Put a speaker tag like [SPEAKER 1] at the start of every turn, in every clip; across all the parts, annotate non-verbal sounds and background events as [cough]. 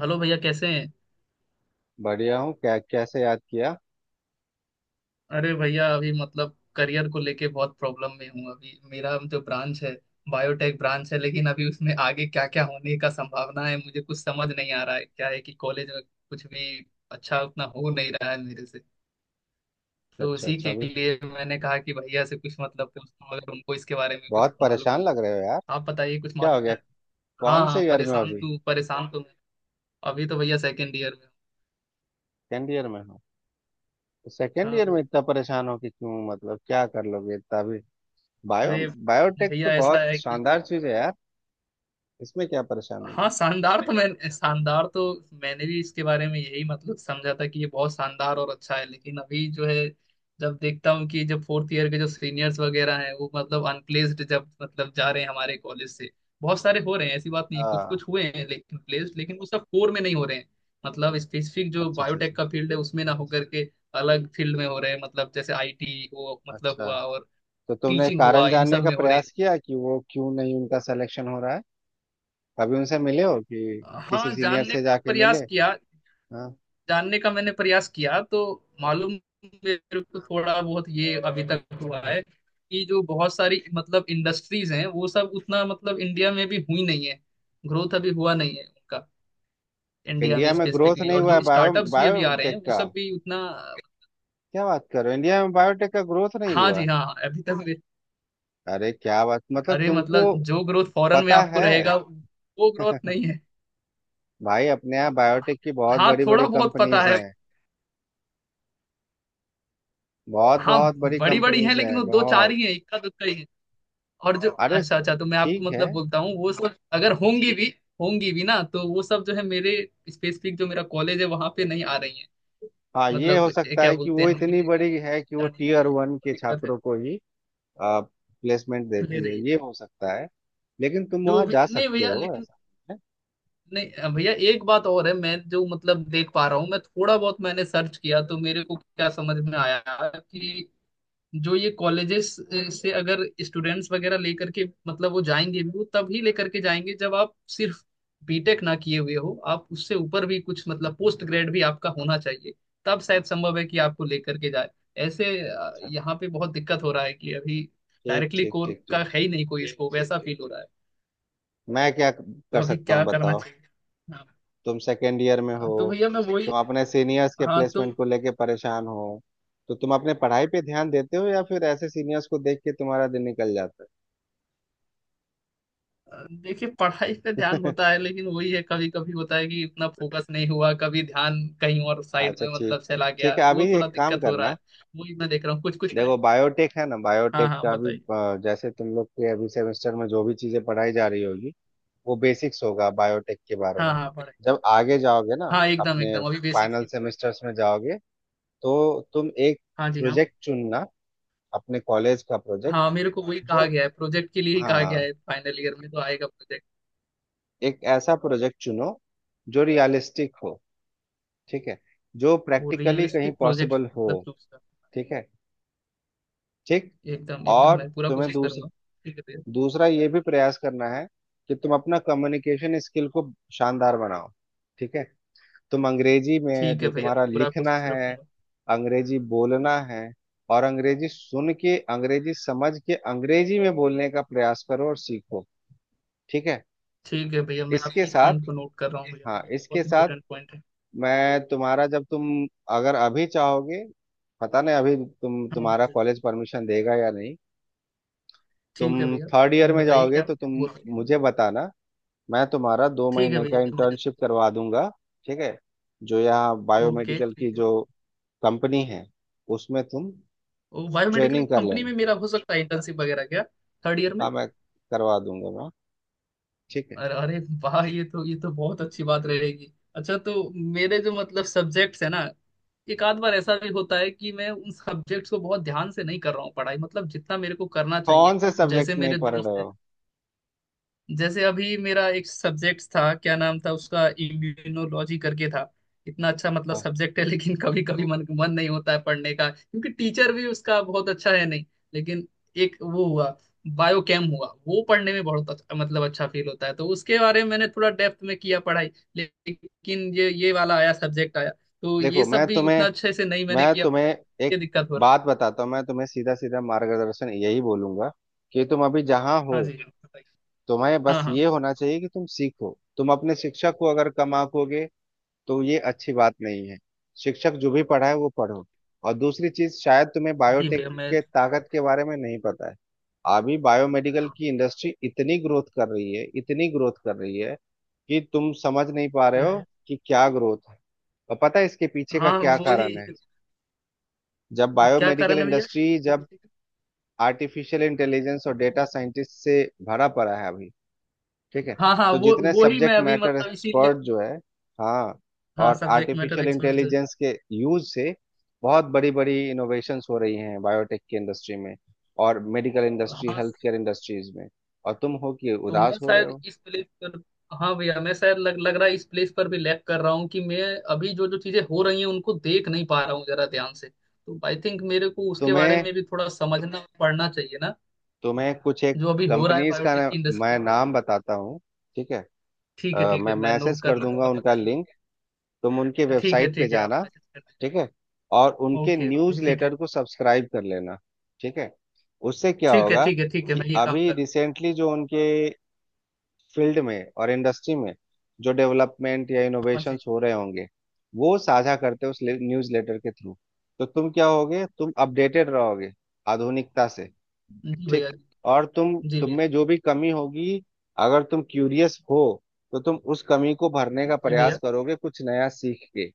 [SPEAKER 1] Hello भैया, कैसे हैं।
[SPEAKER 2] बढ़िया हूँ क्या कैसे याद किया।
[SPEAKER 1] अरे भैया, अभी मतलब करियर को लेके बहुत प्रॉब्लम में हूँ। अभी मेरा जो ब्रांच है, बायोटेक ब्रांच है, लेकिन अभी उसमें आगे क्या क्या होने का संभावना है मुझे कुछ समझ नहीं आ रहा है। क्या है कि कॉलेज में कुछ भी अच्छा उतना हो नहीं रहा है मेरे से। तो
[SPEAKER 2] अच्छा
[SPEAKER 1] उसी
[SPEAKER 2] अच्छा
[SPEAKER 1] के
[SPEAKER 2] अभी
[SPEAKER 1] लिए मैंने कहा कि भैया से कुछ मतलब पूछता हूँ अगर उनको इसके बारे में कुछ
[SPEAKER 2] बहुत
[SPEAKER 1] मालूम हो
[SPEAKER 2] परेशान लग
[SPEAKER 1] तो।
[SPEAKER 2] रहे हो यार।
[SPEAKER 1] आप बताइए, कुछ
[SPEAKER 2] क्या हो
[SPEAKER 1] मालूम
[SPEAKER 2] गया।
[SPEAKER 1] है? हाँ
[SPEAKER 2] कौन
[SPEAKER 1] हाँ,
[SPEAKER 2] से ईयर में हो अभी।
[SPEAKER 1] परेशान तो मैं। अभी तो भैया सेकेंड ईयर में।
[SPEAKER 2] सेकेंड ईयर में हो। तो
[SPEAKER 1] हूँ,
[SPEAKER 2] सेकेंड
[SPEAKER 1] हाँ
[SPEAKER 2] ईयर में
[SPEAKER 1] भैया।
[SPEAKER 2] इतना परेशान हो कि क्यों मतलब क्या कर लोगे इतना अभी। बायो
[SPEAKER 1] अरे।
[SPEAKER 2] बायोटेक तो
[SPEAKER 1] भैया ऐसा
[SPEAKER 2] बहुत
[SPEAKER 1] है कि
[SPEAKER 2] शानदार चीज है यार। इसमें क्या परेशान
[SPEAKER 1] हाँ,
[SPEAKER 2] होना।
[SPEAKER 1] शानदार तो मैं, शानदार तो मैंने भी इसके बारे में यही मतलब समझा था कि ये बहुत शानदार और अच्छा है, लेकिन अभी जो है, जब देखता हूँ कि जब फोर्थ ईयर के जो सीनियर्स वगैरह हैं वो मतलब अनप्लेस्ड जब मतलब जा रहे हैं हमारे कॉलेज से। बहुत सारे हो रहे हैं, ऐसी बात नहीं, कुछ
[SPEAKER 2] हाँ।
[SPEAKER 1] कुछ हुए हैं लेकिन प्लेस्ड, लेकिन वो सब कोर में नहीं हो रहे हैं। मतलब स्पेसिफिक जो
[SPEAKER 2] अच्छा अच्छा अच्छा।
[SPEAKER 1] बायोटेक का फील्ड है उसमें ना होकर के अलग फील्ड में हो रहे हैं। मतलब जैसे आईटी हो मतलब
[SPEAKER 2] अच्छा
[SPEAKER 1] हुआ, और
[SPEAKER 2] तो तुमने
[SPEAKER 1] टीचिंग हुआ,
[SPEAKER 2] कारण
[SPEAKER 1] इन
[SPEAKER 2] जानने
[SPEAKER 1] सब
[SPEAKER 2] का
[SPEAKER 1] में हो रहे हैं।
[SPEAKER 2] प्रयास किया कि वो क्यों नहीं उनका सिलेक्शन हो रहा है। कभी उनसे मिले हो कि किसी
[SPEAKER 1] हाँ,
[SPEAKER 2] सीनियर
[SPEAKER 1] जानने
[SPEAKER 2] से
[SPEAKER 1] का
[SPEAKER 2] जाके मिले।
[SPEAKER 1] प्रयास किया।
[SPEAKER 2] हाँ।
[SPEAKER 1] जानने का मैंने प्रयास किया तो मालूम, मेरे को थोड़ा बहुत ये अभी तक हुआ है कि जो बहुत सारी मतलब इंडस्ट्रीज हैं वो सब उतना मतलब इंडिया में भी हुई नहीं है। ग्रोथ अभी हुआ नहीं है उनका इंडिया
[SPEAKER 2] इंडिया
[SPEAKER 1] में
[SPEAKER 2] में ग्रोथ
[SPEAKER 1] स्पेसिफिकली।
[SPEAKER 2] नहीं
[SPEAKER 1] और
[SPEAKER 2] हुआ है
[SPEAKER 1] जो स्टार्टअप्स भी अभी आ रहे
[SPEAKER 2] बायोटेक
[SPEAKER 1] हैं वो
[SPEAKER 2] का।
[SPEAKER 1] सब भी उतना।
[SPEAKER 2] क्या बात कर रहे हो इंडिया में बायोटेक का ग्रोथ नहीं
[SPEAKER 1] हाँ
[SPEAKER 2] हुआ है।
[SPEAKER 1] जी, हाँ हाँ, अभी तक भी।
[SPEAKER 2] अरे क्या बात मतलब
[SPEAKER 1] अरे मतलब
[SPEAKER 2] तुमको
[SPEAKER 1] जो ग्रोथ फॉरेन में
[SPEAKER 2] पता
[SPEAKER 1] आपको
[SPEAKER 2] है।
[SPEAKER 1] रहेगा वो ग्रोथ नहीं है।
[SPEAKER 2] भाई अपने यहाँ बायोटेक की बहुत
[SPEAKER 1] हाँ
[SPEAKER 2] बड़ी बड़ी
[SPEAKER 1] थोड़ा बहुत पता
[SPEAKER 2] कंपनीज
[SPEAKER 1] है।
[SPEAKER 2] हैं। बहुत
[SPEAKER 1] हाँ।
[SPEAKER 2] बहुत बड़ी
[SPEAKER 1] बड़ी बड़ी है
[SPEAKER 2] कंपनीज
[SPEAKER 1] लेकिन वो
[SPEAKER 2] हैं
[SPEAKER 1] दो चार
[SPEAKER 2] बहुत।
[SPEAKER 1] ही है, इक्का दुक्का ही है। और जो
[SPEAKER 2] अरे
[SPEAKER 1] अच्छा अच्छा तो मैं आपको
[SPEAKER 2] ठीक है।
[SPEAKER 1] मतलब बोलता हूँ वो सब अगर होंगी भी, होंगी भी ना तो वो सब जो है मेरे स्पेसिफिक जो मेरा कॉलेज है वहां पे नहीं आ रही है।
[SPEAKER 2] हाँ ये हो
[SPEAKER 1] मतलब ये
[SPEAKER 2] सकता
[SPEAKER 1] क्या
[SPEAKER 2] है कि
[SPEAKER 1] बोलते
[SPEAKER 2] वो
[SPEAKER 1] हैं, हमको
[SPEAKER 2] इतनी
[SPEAKER 1] लेकर
[SPEAKER 2] बड़ी
[SPEAKER 1] के
[SPEAKER 2] है कि वो
[SPEAKER 1] जाने के
[SPEAKER 2] टीयर
[SPEAKER 1] लिए
[SPEAKER 2] वन
[SPEAKER 1] तो
[SPEAKER 2] के
[SPEAKER 1] दिक्कत है।
[SPEAKER 2] छात्रों को ही प्लेसमेंट
[SPEAKER 1] ले
[SPEAKER 2] देती
[SPEAKER 1] रही
[SPEAKER 2] है
[SPEAKER 1] है,
[SPEAKER 2] ये हो सकता है लेकिन तुम
[SPEAKER 1] जो
[SPEAKER 2] वहां
[SPEAKER 1] भी
[SPEAKER 2] जा
[SPEAKER 1] नहीं
[SPEAKER 2] सकते
[SPEAKER 1] भैया,
[SPEAKER 2] हो
[SPEAKER 1] लेकिन
[SPEAKER 2] ऐसा है।
[SPEAKER 1] नहीं भैया, एक बात और है। मैं जो मतलब देख पा रहा हूँ, मैं थोड़ा बहुत मैंने सर्च किया तो मेरे को क्या समझ में आया, कि जो ये कॉलेजेस से अगर स्टूडेंट्स वगैरह लेकर के मतलब वो जाएंगे भी, वो तभी लेकर के जाएंगे जब आप सिर्फ बीटेक ना किए हुए हो, आप उससे ऊपर भी कुछ मतलब पोस्ट ग्रेड भी आपका होना चाहिए। तब शायद संभव है कि आपको लेकर के जाए। ऐसे
[SPEAKER 2] अच्छा।
[SPEAKER 1] यहाँ पे बहुत दिक्कत हो रहा है कि अभी
[SPEAKER 2] ठीक
[SPEAKER 1] डायरेक्टली
[SPEAKER 2] ठीक
[SPEAKER 1] कोर
[SPEAKER 2] ठीक
[SPEAKER 1] का
[SPEAKER 2] ठीक।
[SPEAKER 1] है ही नहीं कोई स्कोप, ऐसा फील हो रहा है।
[SPEAKER 2] मैं क्या
[SPEAKER 1] तो
[SPEAKER 2] कर
[SPEAKER 1] अभी
[SPEAKER 2] सकता हूँ
[SPEAKER 1] क्या करना
[SPEAKER 2] बताओ।
[SPEAKER 1] चाहिए।
[SPEAKER 2] तुम सेकेंड ईयर में हो।
[SPEAKER 1] हाँ, तो भैया मैं वही,
[SPEAKER 2] तुम अपने सीनियर्स के
[SPEAKER 1] हाँ तो
[SPEAKER 2] प्लेसमेंट को लेके परेशान हो। तो तुम अपने पढ़ाई पे ध्यान देते हो या फिर ऐसे सीनियर्स को देख के तुम्हारा दिन निकल जाता
[SPEAKER 1] देखिए पढ़ाई पे ध्यान
[SPEAKER 2] है।
[SPEAKER 1] होता है लेकिन वही है, कभी कभी होता है कि इतना फोकस नहीं हुआ, कभी ध्यान कहीं और
[SPEAKER 2] [laughs]
[SPEAKER 1] साइड
[SPEAKER 2] अच्छा
[SPEAKER 1] में
[SPEAKER 2] ठीक।
[SPEAKER 1] मतलब चला
[SPEAKER 2] ठीक
[SPEAKER 1] गया,
[SPEAKER 2] है अभी
[SPEAKER 1] वो थोड़ा
[SPEAKER 2] एक काम
[SPEAKER 1] दिक्कत हो रहा
[SPEAKER 2] करना।
[SPEAKER 1] है। वही मैं देख रहा हूँ, कुछ कुछ तरह।
[SPEAKER 2] देखो बायोटेक है ना
[SPEAKER 1] हाँ
[SPEAKER 2] बायोटेक
[SPEAKER 1] हाँ,
[SPEAKER 2] का अभी
[SPEAKER 1] बताइए।
[SPEAKER 2] जैसे तुम लोग के अभी सेमेस्टर में जो भी चीजें पढ़ाई जा रही होगी वो बेसिक्स होगा बायोटेक के बारे
[SPEAKER 1] हाँ
[SPEAKER 2] में।
[SPEAKER 1] हाँ, पढ़ाई।
[SPEAKER 2] जब आगे जाओगे ना
[SPEAKER 1] हाँ, एकदम
[SPEAKER 2] अपने
[SPEAKER 1] एकदम अभी बेसिक
[SPEAKER 2] फाइनल
[SPEAKER 1] सीख रहा है।
[SPEAKER 2] सेमेस्टर्स में जाओगे तो तुम एक
[SPEAKER 1] हाँ जी, हाँ।
[SPEAKER 2] प्रोजेक्ट चुनना अपने कॉलेज का प्रोजेक्ट
[SPEAKER 1] हाँ, मेरे को वही
[SPEAKER 2] जो
[SPEAKER 1] कहा गया है, प्रोजेक्ट के लिए ही कहा गया
[SPEAKER 2] हाँ
[SPEAKER 1] है, फाइनल ईयर में तो आएगा प्रोजेक्ट।
[SPEAKER 2] एक ऐसा प्रोजेक्ट चुनो जो रियलिस्टिक हो। ठीक है। जो
[SPEAKER 1] वो
[SPEAKER 2] प्रैक्टिकली कहीं
[SPEAKER 1] रियलिस्टिक प्रोजेक्ट
[SPEAKER 2] पॉसिबल हो।
[SPEAKER 1] मतलब चूज कर।
[SPEAKER 2] ठीक है ठीक।
[SPEAKER 1] एकदम एकदम
[SPEAKER 2] और
[SPEAKER 1] मैं पूरा
[SPEAKER 2] तुम्हें
[SPEAKER 1] कोशिश
[SPEAKER 2] दूसरा
[SPEAKER 1] करूंगा। ठीक है भैया।
[SPEAKER 2] दूसरा ये भी प्रयास करना है कि तुम अपना कम्युनिकेशन स्किल को शानदार बनाओ। ठीक है। तुम अंग्रेजी में
[SPEAKER 1] ठीक है
[SPEAKER 2] जो
[SPEAKER 1] भैया, मैं
[SPEAKER 2] तुम्हारा
[SPEAKER 1] पूरा
[SPEAKER 2] लिखना
[SPEAKER 1] कोशिश
[SPEAKER 2] है
[SPEAKER 1] रखूंगा।
[SPEAKER 2] अंग्रेजी बोलना है और अंग्रेजी सुन के अंग्रेजी समझ के अंग्रेजी में बोलने का प्रयास करो और सीखो। ठीक है।
[SPEAKER 1] ठीक है भैया, मैं
[SPEAKER 2] इसके
[SPEAKER 1] आपके इस
[SPEAKER 2] साथ
[SPEAKER 1] पॉइंट को नोट कर रहा हूँ भैया।
[SPEAKER 2] हाँ इसके
[SPEAKER 1] बहुत
[SPEAKER 2] साथ
[SPEAKER 1] इंपॉर्टेंट पॉइंट है।
[SPEAKER 2] मैं तुम्हारा जब तुम अगर अभी चाहोगे पता नहीं अभी
[SPEAKER 1] हाँ जी
[SPEAKER 2] तुम्हारा
[SPEAKER 1] जी।
[SPEAKER 2] कॉलेज परमिशन देगा या नहीं। तुम
[SPEAKER 1] ठीक है भैया,
[SPEAKER 2] थर्ड ईयर में
[SPEAKER 1] बताइए
[SPEAKER 2] जाओगे
[SPEAKER 1] क्या
[SPEAKER 2] तो तुम
[SPEAKER 1] बोल रहे हैं।
[SPEAKER 2] मुझे बताना। मैं तुम्हारा दो
[SPEAKER 1] ठीक है
[SPEAKER 2] महीने
[SPEAKER 1] भैया,
[SPEAKER 2] का
[SPEAKER 1] जल्दी
[SPEAKER 2] इंटर्नशिप
[SPEAKER 1] जल्दी।
[SPEAKER 2] करवा दूंगा। ठीक है। जो यहाँ
[SPEAKER 1] ओके
[SPEAKER 2] बायोमेडिकल की
[SPEAKER 1] ठीक है।
[SPEAKER 2] जो कंपनी है उसमें तुम
[SPEAKER 1] वो बायोमेडिकल
[SPEAKER 2] ट्रेनिंग कर
[SPEAKER 1] कंपनी
[SPEAKER 2] लेना।
[SPEAKER 1] में मेरा हो सकता है इंटर्नशिप वगैरह क्या थर्ड ईयर में?
[SPEAKER 2] हाँ मैं करवा दूंगा मैं। ठीक है।
[SPEAKER 1] अरे अरे वाह, ये तो बहुत अच्छी बात रहेगी। अच्छा, तो मेरे जो मतलब सब्जेक्ट्स है ना, एक आध बार ऐसा भी होता है कि मैं उन सब्जेक्ट्स को बहुत ध्यान से नहीं कर रहा हूँ पढ़ाई, मतलब जितना मेरे को करना चाहिए।
[SPEAKER 2] कौन से
[SPEAKER 1] जैसे
[SPEAKER 2] सब्जेक्ट नहीं
[SPEAKER 1] मेरे
[SPEAKER 2] पढ़ रहे
[SPEAKER 1] दोस्त,
[SPEAKER 2] हो।
[SPEAKER 1] जैसे अभी मेरा एक सब्जेक्ट था, क्या नाम था उसका, इम्यूनोलॉजी करके था। इतना अच्छा मतलब
[SPEAKER 2] हाँ।
[SPEAKER 1] सब्जेक्ट है लेकिन कभी कभी मन मन नहीं होता है पढ़ने का, क्योंकि टीचर भी उसका बहुत अच्छा है नहीं। लेकिन एक वो हुआ, बायोकेम हुआ, वो पढ़ने में बहुत अच्छा, मतलब अच्छा फील होता है, तो उसके बारे में मैंने थोड़ा डेप्थ में किया पढ़ाई, लेकिन ये वाला आया सब्जेक्ट आया तो
[SPEAKER 2] देखो
[SPEAKER 1] ये सब भी उतना अच्छे से नहीं मैंने
[SPEAKER 2] मैं
[SPEAKER 1] किया
[SPEAKER 2] तुम्हें
[SPEAKER 1] पढ़ाई। ये
[SPEAKER 2] एक
[SPEAKER 1] दिक्कत हो रहा है।
[SPEAKER 2] बात बताता हूँ। मैं तुम्हें सीधा सीधा मार्गदर्शन यही बोलूंगा कि तुम अभी जहाँ हो।
[SPEAKER 1] हाँ जी, बताइए।
[SPEAKER 2] तुम्हें
[SPEAKER 1] हाँ
[SPEAKER 2] बस
[SPEAKER 1] हाँ।
[SPEAKER 2] ये होना चाहिए कि तुम सीखो तुम अपने शिक्षक को अगर कम आंकोगे तो ये अच्छी बात नहीं है। शिक्षक जो भी पढ़ाए वो पढ़ो। और दूसरी चीज शायद तुम्हें
[SPEAKER 1] जी
[SPEAKER 2] बायोटेक
[SPEAKER 1] भैया मैं,
[SPEAKER 2] के ताकत के बारे में नहीं पता है। अभी बायोमेडिकल की इंडस्ट्री इतनी ग्रोथ कर रही है इतनी ग्रोथ कर रही है कि तुम समझ नहीं पा
[SPEAKER 1] जी
[SPEAKER 2] रहे हो
[SPEAKER 1] भैया।
[SPEAKER 2] कि क्या ग्रोथ है। और पता है इसके पीछे का
[SPEAKER 1] हाँ
[SPEAKER 2] क्या कारण
[SPEAKER 1] वही।
[SPEAKER 2] है। जब
[SPEAKER 1] क्या
[SPEAKER 2] बायोमेडिकल
[SPEAKER 1] कारण है भैया?
[SPEAKER 2] इंडस्ट्री जब आर्टिफिशियल इंटेलिजेंस और डेटा साइंटिस्ट से भरा पड़ा है अभी। ठीक है।
[SPEAKER 1] हाँ हाँ,
[SPEAKER 2] तो
[SPEAKER 1] वो
[SPEAKER 2] जितने
[SPEAKER 1] वो ही मैं
[SPEAKER 2] सब्जेक्ट
[SPEAKER 1] अभी
[SPEAKER 2] मैटर
[SPEAKER 1] मतलब इसीलिए।
[SPEAKER 2] एक्सपर्ट जो है हाँ
[SPEAKER 1] हाँ,
[SPEAKER 2] और
[SPEAKER 1] सब्जेक्ट मैटर
[SPEAKER 2] आर्टिफिशियल
[SPEAKER 1] एक्सपर्ट से।
[SPEAKER 2] इंटेलिजेंस के यूज से बहुत बड़ी बड़ी इनोवेशंस हो रही हैं बायोटेक की इंडस्ट्री में। और मेडिकल इंडस्ट्री
[SPEAKER 1] हाँ,
[SPEAKER 2] हेल्थ केयर इंडस्ट्रीज में। और तुम हो कि
[SPEAKER 1] तो मैं
[SPEAKER 2] उदास हो रहे
[SPEAKER 1] शायद
[SPEAKER 2] हो।
[SPEAKER 1] इस प्लेस पर, हाँ भैया मैं शायद लग लग रहा है इस प्लेस पर भी लैक कर रहा हूँ, कि मैं अभी जो जो चीजें हो रही हैं उनको देख नहीं पा रहा हूँ जरा ध्यान से। तो आई थिंक मेरे को उसके बारे
[SPEAKER 2] तुम्हें
[SPEAKER 1] में भी थोड़ा समझना पड़ना चाहिए ना,
[SPEAKER 2] तुम्हें कुछ एक
[SPEAKER 1] जो अभी हो रहा है
[SPEAKER 2] कंपनीज का
[SPEAKER 1] बायोटेक
[SPEAKER 2] ना-
[SPEAKER 1] की
[SPEAKER 2] मैं
[SPEAKER 1] इंडस्ट्री।
[SPEAKER 2] नाम बताता हूँ। ठीक है।
[SPEAKER 1] ठीक है ठीक
[SPEAKER 2] मैं
[SPEAKER 1] है, मैं
[SPEAKER 2] मैसेज
[SPEAKER 1] नोट कर
[SPEAKER 2] कर
[SPEAKER 1] लूंगा,
[SPEAKER 2] दूंगा
[SPEAKER 1] आप
[SPEAKER 2] उनका
[SPEAKER 1] बताइए।
[SPEAKER 2] लिंक। तुम उनके
[SPEAKER 1] ठीक है
[SPEAKER 2] वेबसाइट पे
[SPEAKER 1] ठीक है, आप
[SPEAKER 2] जाना।
[SPEAKER 1] मैसेज कर दें।
[SPEAKER 2] ठीक है। और उनके
[SPEAKER 1] ओके ओके,
[SPEAKER 2] न्यूज
[SPEAKER 1] ठीक है।
[SPEAKER 2] लेटर को सब्सक्राइब कर लेना। ठीक है। उससे क्या
[SPEAKER 1] ठीक है
[SPEAKER 2] होगा
[SPEAKER 1] ठीक है ठीक है,
[SPEAKER 2] कि
[SPEAKER 1] मैं ये काम
[SPEAKER 2] अभी
[SPEAKER 1] कर रहा
[SPEAKER 2] रिसेंटली जो उनके फील्ड में और इंडस्ट्री में जो डेवलपमेंट या
[SPEAKER 1] हूँ। हाँ जी।
[SPEAKER 2] इनोवेशंस हो रहे होंगे वो साझा करते हैं उस न्यूज लेटर के थ्रू। तो तुम क्या होगे तुम अपडेटेड रहोगे आधुनिकता से।
[SPEAKER 1] जी
[SPEAKER 2] ठीक।
[SPEAKER 1] भैया।
[SPEAKER 2] और तुम
[SPEAKER 1] जी भैया।
[SPEAKER 2] में जो भी कमी होगी अगर तुम क्यूरियस हो तो तुम उस कमी को भरने का
[SPEAKER 1] जी
[SPEAKER 2] प्रयास
[SPEAKER 1] भैया।
[SPEAKER 2] करोगे कुछ नया सीख के।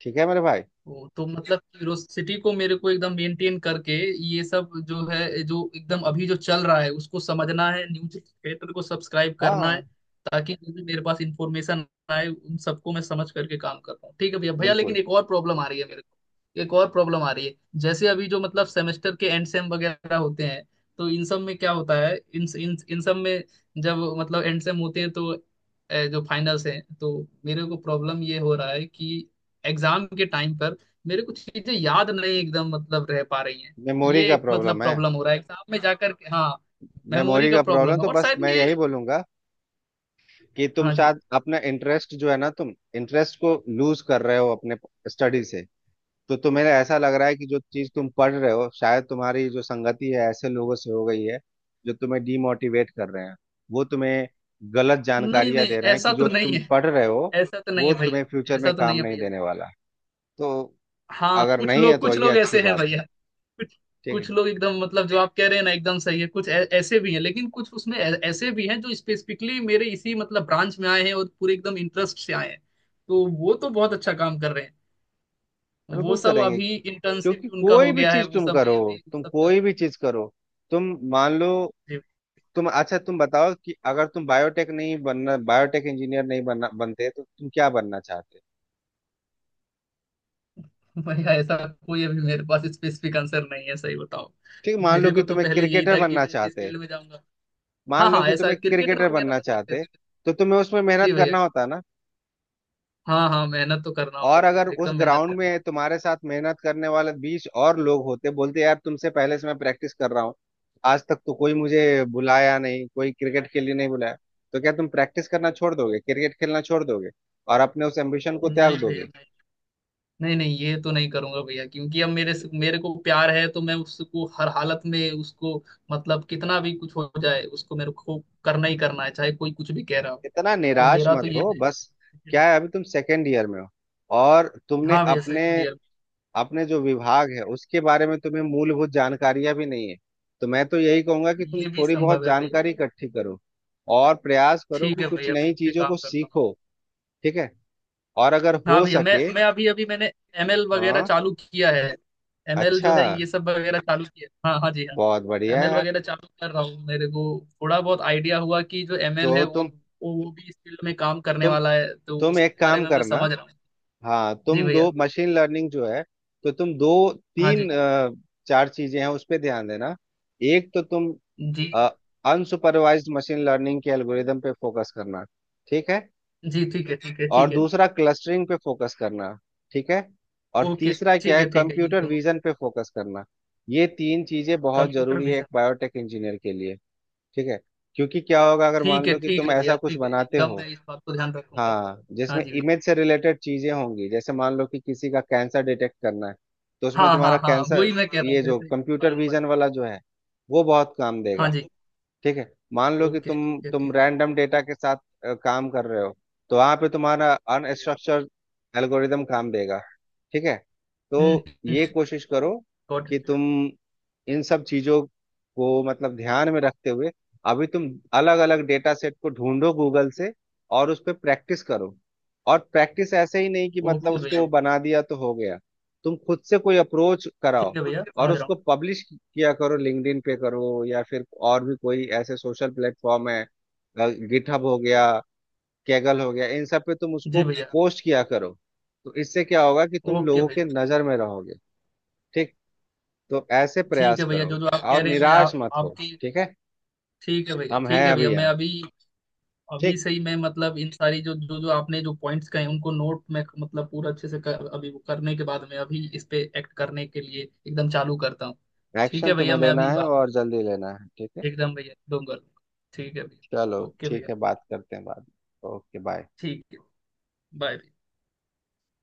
[SPEAKER 2] ठीक है मेरे भाई।
[SPEAKER 1] वो तो मतलब क्यूरोसिटी को मेरे को एकदम मेंटेन करके ये सब जो है, जो एकदम अभी जो चल रहा है उसको समझना है, न्यूज थिएटर को सब्सक्राइब करना
[SPEAKER 2] हाँ
[SPEAKER 1] है, ताकि जो भी मेरे पास इंफॉर्मेशन आए उन सबको मैं समझ करके काम कर पाऊँ। ठीक है भैया, भैया लेकिन
[SPEAKER 2] बिल्कुल।
[SPEAKER 1] एक और प्रॉब्लम आ रही है मेरे को, एक और प्रॉब्लम आ रही है। जैसे अभी जो मतलब सेमेस्टर के एंड सेम वगैरह होते हैं, तो इन सब में क्या होता है, इन इन इन सब में जब मतलब एंड सेम होते हैं, तो जो फाइनल्स हैं तो मेरे को प्रॉब्लम ये हो रहा है कि एग्जाम के टाइम पर मेरे को चीजें याद नहीं एकदम मतलब रह पा रही हैं।
[SPEAKER 2] मेमोरी
[SPEAKER 1] ये
[SPEAKER 2] का
[SPEAKER 1] एक मतलब
[SPEAKER 2] प्रॉब्लम है।
[SPEAKER 1] प्रॉब्लम हो रहा है एग्जाम में जाकर के, हाँ। मेमोरी
[SPEAKER 2] मेमोरी
[SPEAKER 1] का
[SPEAKER 2] का प्रॉब्लम
[SPEAKER 1] प्रॉब्लम है
[SPEAKER 2] तो
[SPEAKER 1] और
[SPEAKER 2] बस
[SPEAKER 1] शायद
[SPEAKER 2] मैं
[SPEAKER 1] ये,
[SPEAKER 2] यही बोलूंगा कि तुम
[SPEAKER 1] हाँ जी।
[SPEAKER 2] शायद अपना इंटरेस्ट जो है ना तुम इंटरेस्ट को लूज कर रहे हो अपने स्टडी से। तो तुम्हें ऐसा लग रहा है कि जो चीज तुम पढ़ रहे हो शायद तुम्हारी जो संगति है ऐसे लोगों से हो गई है जो तुम्हें डीमोटिवेट कर रहे हैं। वो तुम्हें गलत
[SPEAKER 1] नहीं
[SPEAKER 2] जानकारियां
[SPEAKER 1] नहीं,
[SPEAKER 2] दे रहे हैं कि
[SPEAKER 1] ऐसा तो
[SPEAKER 2] जो तुम
[SPEAKER 1] नहीं है।
[SPEAKER 2] पढ़ रहे हो
[SPEAKER 1] ऐसा तो नहीं
[SPEAKER 2] वो
[SPEAKER 1] है भैया।
[SPEAKER 2] तुम्हें फ्यूचर में
[SPEAKER 1] ऐसा तो नहीं
[SPEAKER 2] काम
[SPEAKER 1] है
[SPEAKER 2] नहीं
[SPEAKER 1] भैया।
[SPEAKER 2] देने वाला। तो
[SPEAKER 1] हाँ,
[SPEAKER 2] अगर नहीं है तो
[SPEAKER 1] कुछ
[SPEAKER 2] ये
[SPEAKER 1] लोग
[SPEAKER 2] अच्छी
[SPEAKER 1] ऐसे हैं
[SPEAKER 2] बात है।
[SPEAKER 1] भैया, कुछ।
[SPEAKER 2] ठीक
[SPEAKER 1] कुछ
[SPEAKER 2] है।
[SPEAKER 1] लोग एकदम मतलब जो आप कह रहे हैं ना एकदम सही है, कुछ ऐसे भी हैं लेकिन कुछ उसमें ऐसे भी हैं जो स्पेसिफिकली मेरे इसी मतलब ब्रांच में आए हैं और पूरे एकदम इंटरेस्ट से आए हैं। तो वो तो बहुत अच्छा काम कर रहे हैं। वो
[SPEAKER 2] बिल्कुल
[SPEAKER 1] सब
[SPEAKER 2] करेंगे।
[SPEAKER 1] अभी इंटर्नशिप
[SPEAKER 2] क्योंकि
[SPEAKER 1] उनका हो
[SPEAKER 2] कोई भी
[SPEAKER 1] गया है,
[SPEAKER 2] चीज
[SPEAKER 1] वो
[SPEAKER 2] तुम
[SPEAKER 1] सब भी
[SPEAKER 2] करो
[SPEAKER 1] अभी वो
[SPEAKER 2] तुम
[SPEAKER 1] सब चल
[SPEAKER 2] कोई
[SPEAKER 1] रहा
[SPEAKER 2] भी
[SPEAKER 1] है।
[SPEAKER 2] चीज करो तुम मान लो।
[SPEAKER 1] जी,
[SPEAKER 2] तुम अच्छा तुम बताओ कि अगर तुम बायोटेक नहीं बनना बायोटेक इंजीनियर नहीं बनना बनते तो तुम क्या बनना चाहते।
[SPEAKER 1] भैया ऐसा कोई अभी मेरे पास स्पेसिफिक आंसर नहीं है, सही बताओ।
[SPEAKER 2] ठीक।
[SPEAKER 1] मेरे को तो पहले यही था कि मैं जिस फील्ड में जाऊंगा।
[SPEAKER 2] मान
[SPEAKER 1] हाँ
[SPEAKER 2] लो
[SPEAKER 1] हाँ,
[SPEAKER 2] कि
[SPEAKER 1] ऐसा
[SPEAKER 2] तुम्हें
[SPEAKER 1] क्रिकेटर
[SPEAKER 2] क्रिकेटर
[SPEAKER 1] वगैरह
[SPEAKER 2] बनना
[SPEAKER 1] बन सकते
[SPEAKER 2] चाहते।
[SPEAKER 1] थे।
[SPEAKER 2] तो तुम्हें उसमें
[SPEAKER 1] जी
[SPEAKER 2] मेहनत
[SPEAKER 1] भैया।
[SPEAKER 2] करना होता ना।
[SPEAKER 1] हाँ हाँ, मेहनत तो करना होता
[SPEAKER 2] और
[SPEAKER 1] भैया,
[SPEAKER 2] अगर उस
[SPEAKER 1] एकदम मेहनत
[SPEAKER 2] ग्राउंड
[SPEAKER 1] करना।
[SPEAKER 2] में तुम्हारे साथ मेहनत करने वाले 20 और लोग होते बोलते यार तुमसे पहले से मैं प्रैक्टिस कर रहा हूँ। आज तक तो कोई मुझे बुलाया नहीं कोई क्रिकेट के लिए नहीं बुलाया। तो क्या तुम प्रैक्टिस करना छोड़ दोगे क्रिकेट खेलना छोड़ दोगे और अपने उस एम्बिशन को त्याग
[SPEAKER 1] नहीं भैया,
[SPEAKER 2] दोगे।
[SPEAKER 1] नहीं। नहीं नहीं, ये तो नहीं करूंगा भैया, क्योंकि अब
[SPEAKER 2] तो
[SPEAKER 1] मेरे को प्यार है, तो मैं उसको हर हालत में उसको, मतलब कितना भी कुछ हो जाए उसको मेरे को करना ही करना है, चाहे कोई कुछ भी कह रहा हो।
[SPEAKER 2] इतना
[SPEAKER 1] तो
[SPEAKER 2] निराश
[SPEAKER 1] मेरा
[SPEAKER 2] मत
[SPEAKER 1] तो ये
[SPEAKER 2] हो
[SPEAKER 1] है।
[SPEAKER 2] बस। क्या है अभी तुम सेकेंड ईयर में हो। और तुमने
[SPEAKER 1] हाँ भैया,
[SPEAKER 2] अपने
[SPEAKER 1] सेकंड ईयर
[SPEAKER 2] अपने जो विभाग है उसके बारे में तुम्हें मूलभूत जानकारियां भी नहीं है। तो मैं तो यही कहूंगा कि
[SPEAKER 1] में।
[SPEAKER 2] तुम
[SPEAKER 1] ये भी
[SPEAKER 2] थोड़ी बहुत
[SPEAKER 1] संभव है भैया।
[SPEAKER 2] जानकारी इकट्ठी करो और प्रयास करो
[SPEAKER 1] ठीक
[SPEAKER 2] कि
[SPEAKER 1] है
[SPEAKER 2] कुछ
[SPEAKER 1] भैया, मैं
[SPEAKER 2] नई
[SPEAKER 1] इस पे
[SPEAKER 2] चीजों
[SPEAKER 1] काम
[SPEAKER 2] को
[SPEAKER 1] करता हूँ।
[SPEAKER 2] सीखो। ठीक है। और अगर
[SPEAKER 1] हाँ
[SPEAKER 2] हो
[SPEAKER 1] भैया, मैं
[SPEAKER 2] सके
[SPEAKER 1] मैं अभी अभी मैंने एमएल वगैरह
[SPEAKER 2] हाँ
[SPEAKER 1] चालू किया है। एमएल जो
[SPEAKER 2] अच्छा
[SPEAKER 1] है ये सब वगैरह चालू किया है। हाँ हाँ जी हाँ।
[SPEAKER 2] बहुत बढ़िया
[SPEAKER 1] एमएल
[SPEAKER 2] यार।
[SPEAKER 1] वगैरह चालू कर रहा हूँ, मेरे को थोड़ा बहुत आइडिया हुआ कि जो एमएल है
[SPEAKER 2] जो
[SPEAKER 1] वो, वो भी इस फील्ड में काम करने
[SPEAKER 2] तुम
[SPEAKER 1] वाला है, तो
[SPEAKER 2] तुम
[SPEAKER 1] उसके
[SPEAKER 2] एक
[SPEAKER 1] बारे
[SPEAKER 2] काम
[SPEAKER 1] में मैं
[SPEAKER 2] करना।
[SPEAKER 1] समझ रहा हूँ।
[SPEAKER 2] हाँ
[SPEAKER 1] जी
[SPEAKER 2] तुम
[SPEAKER 1] भैया।
[SPEAKER 2] दो मशीन लर्निंग जो है तो तुम दो
[SPEAKER 1] हाँ जी।
[SPEAKER 2] तीन चार चीजें हैं उस पे ध्यान देना। एक तो तुम
[SPEAKER 1] जी।
[SPEAKER 2] अनसुपरवाइज्ड मशीन लर्निंग के एल्गोरिदम पे फोकस करना। ठीक है।
[SPEAKER 1] जी, ठीक है ठीक है
[SPEAKER 2] और
[SPEAKER 1] ठीक है।
[SPEAKER 2] दूसरा क्लस्टरिंग पे फोकस करना। ठीक है। और
[SPEAKER 1] ओके
[SPEAKER 2] तीसरा क्या
[SPEAKER 1] ठीक
[SPEAKER 2] है
[SPEAKER 1] है ठीक है, इन
[SPEAKER 2] कंप्यूटर
[SPEAKER 1] दोनों।
[SPEAKER 2] विजन पे फोकस करना। ये तीन चीजें बहुत
[SPEAKER 1] कंप्यूटर
[SPEAKER 2] जरूरी है एक
[SPEAKER 1] विजन।
[SPEAKER 2] बायोटेक इंजीनियर के लिए। ठीक है। क्योंकि क्या होगा अगर मान लो कि
[SPEAKER 1] ठीक
[SPEAKER 2] तुम
[SPEAKER 1] है भैया,
[SPEAKER 2] ऐसा कुछ
[SPEAKER 1] ठीक है
[SPEAKER 2] बनाते
[SPEAKER 1] एकदम
[SPEAKER 2] हो
[SPEAKER 1] मैं इस बात को ध्यान रखूंगा।
[SPEAKER 2] हाँ
[SPEAKER 1] हाँ
[SPEAKER 2] जिसमें
[SPEAKER 1] जी भैया।
[SPEAKER 2] इमेज से रिलेटेड चीजें होंगी जैसे मान लो कि किसी का कैंसर डिटेक्ट करना है। तो उसमें
[SPEAKER 1] हाँ
[SPEAKER 2] तुम्हारा
[SPEAKER 1] हाँ हाँ,
[SPEAKER 2] कैंसर
[SPEAKER 1] वही मैं कह रहा हूँ,
[SPEAKER 2] ये जो
[SPEAKER 1] जैसे
[SPEAKER 2] कंप्यूटर
[SPEAKER 1] मालूम पड़ा।
[SPEAKER 2] विजन वाला जो है वो बहुत काम
[SPEAKER 1] हाँ
[SPEAKER 2] देगा।
[SPEAKER 1] जी।
[SPEAKER 2] ठीक है। मान लो कि
[SPEAKER 1] ओके ठीक है,
[SPEAKER 2] तुम
[SPEAKER 1] ठीक।
[SPEAKER 2] रैंडम डेटा के साथ काम कर रहे हो। तो वहां पे तुम्हारा
[SPEAKER 1] है
[SPEAKER 2] अनस्ट्रक्चर्ड एल्गोरिदम काम देगा। ठीक है। तो ये
[SPEAKER 1] हम्म।
[SPEAKER 2] कोशिश करो
[SPEAKER 1] गॉट इट
[SPEAKER 2] कि
[SPEAKER 1] भैया।
[SPEAKER 2] तुम इन सब चीजों को मतलब ध्यान में रखते हुए अभी तुम अलग अलग डेटा सेट को ढूंढो गूगल से और उस पर प्रैक्टिस करो। और प्रैक्टिस ऐसे ही नहीं कि मतलब
[SPEAKER 1] ओके भैया,
[SPEAKER 2] उसको
[SPEAKER 1] okay,
[SPEAKER 2] बना दिया तो हो गया। तुम खुद से कोई अप्रोच
[SPEAKER 1] ठीक
[SPEAKER 2] कराओ
[SPEAKER 1] है भैया,
[SPEAKER 2] और
[SPEAKER 1] समझ रहा
[SPEAKER 2] उसको पब्लिश किया करो लिंक्डइन पे करो या फिर और भी कोई ऐसे सोशल प्लेटफॉर्म है। गिटहब हो गया कैगल हो गया इन सब पे तुम
[SPEAKER 1] हूँ।
[SPEAKER 2] उसको
[SPEAKER 1] जी भैया।
[SPEAKER 2] पोस्ट किया करो। तो इससे क्या होगा कि तुम
[SPEAKER 1] ओके
[SPEAKER 2] लोगों के
[SPEAKER 1] भैया।
[SPEAKER 2] नजर में रहोगे। ठीक। तो ऐसे
[SPEAKER 1] ठीक
[SPEAKER 2] प्रयास
[SPEAKER 1] है भैया,
[SPEAKER 2] करो
[SPEAKER 1] जो जो आप कह
[SPEAKER 2] और
[SPEAKER 1] रहे हैं, मैं
[SPEAKER 2] निराश
[SPEAKER 1] आप
[SPEAKER 2] मत हो।
[SPEAKER 1] आपकी
[SPEAKER 2] ठीक है।
[SPEAKER 1] ठीक है भैया।
[SPEAKER 2] हम हैं
[SPEAKER 1] ठीक है
[SPEAKER 2] अभी
[SPEAKER 1] भैया, मैं
[SPEAKER 2] यहाँ।
[SPEAKER 1] अभी, अभी
[SPEAKER 2] ठीक।
[SPEAKER 1] से ही मैं मतलब इन सारी जो जो जो आपने जो पॉइंट्स कहे उनको नोट में मतलब पूरा अच्छे से कर, अभी वो करने के बाद मैं अभी इस पे एक्ट करने के लिए एकदम चालू करता हूँ। ठीक
[SPEAKER 2] एक्शन
[SPEAKER 1] है
[SPEAKER 2] तुम्हें
[SPEAKER 1] भैया, मैं
[SPEAKER 2] लेना
[SPEAKER 1] अभी
[SPEAKER 2] है
[SPEAKER 1] बात
[SPEAKER 2] और जल्दी लेना है। ठीक है।
[SPEAKER 1] एकदम भैया दूंगा। ठीक है भैया,
[SPEAKER 2] चलो
[SPEAKER 1] ओके भैया।
[SPEAKER 2] ठीक है बात करते हैं बाद में ओके बाय।
[SPEAKER 1] ठीक है। बाय।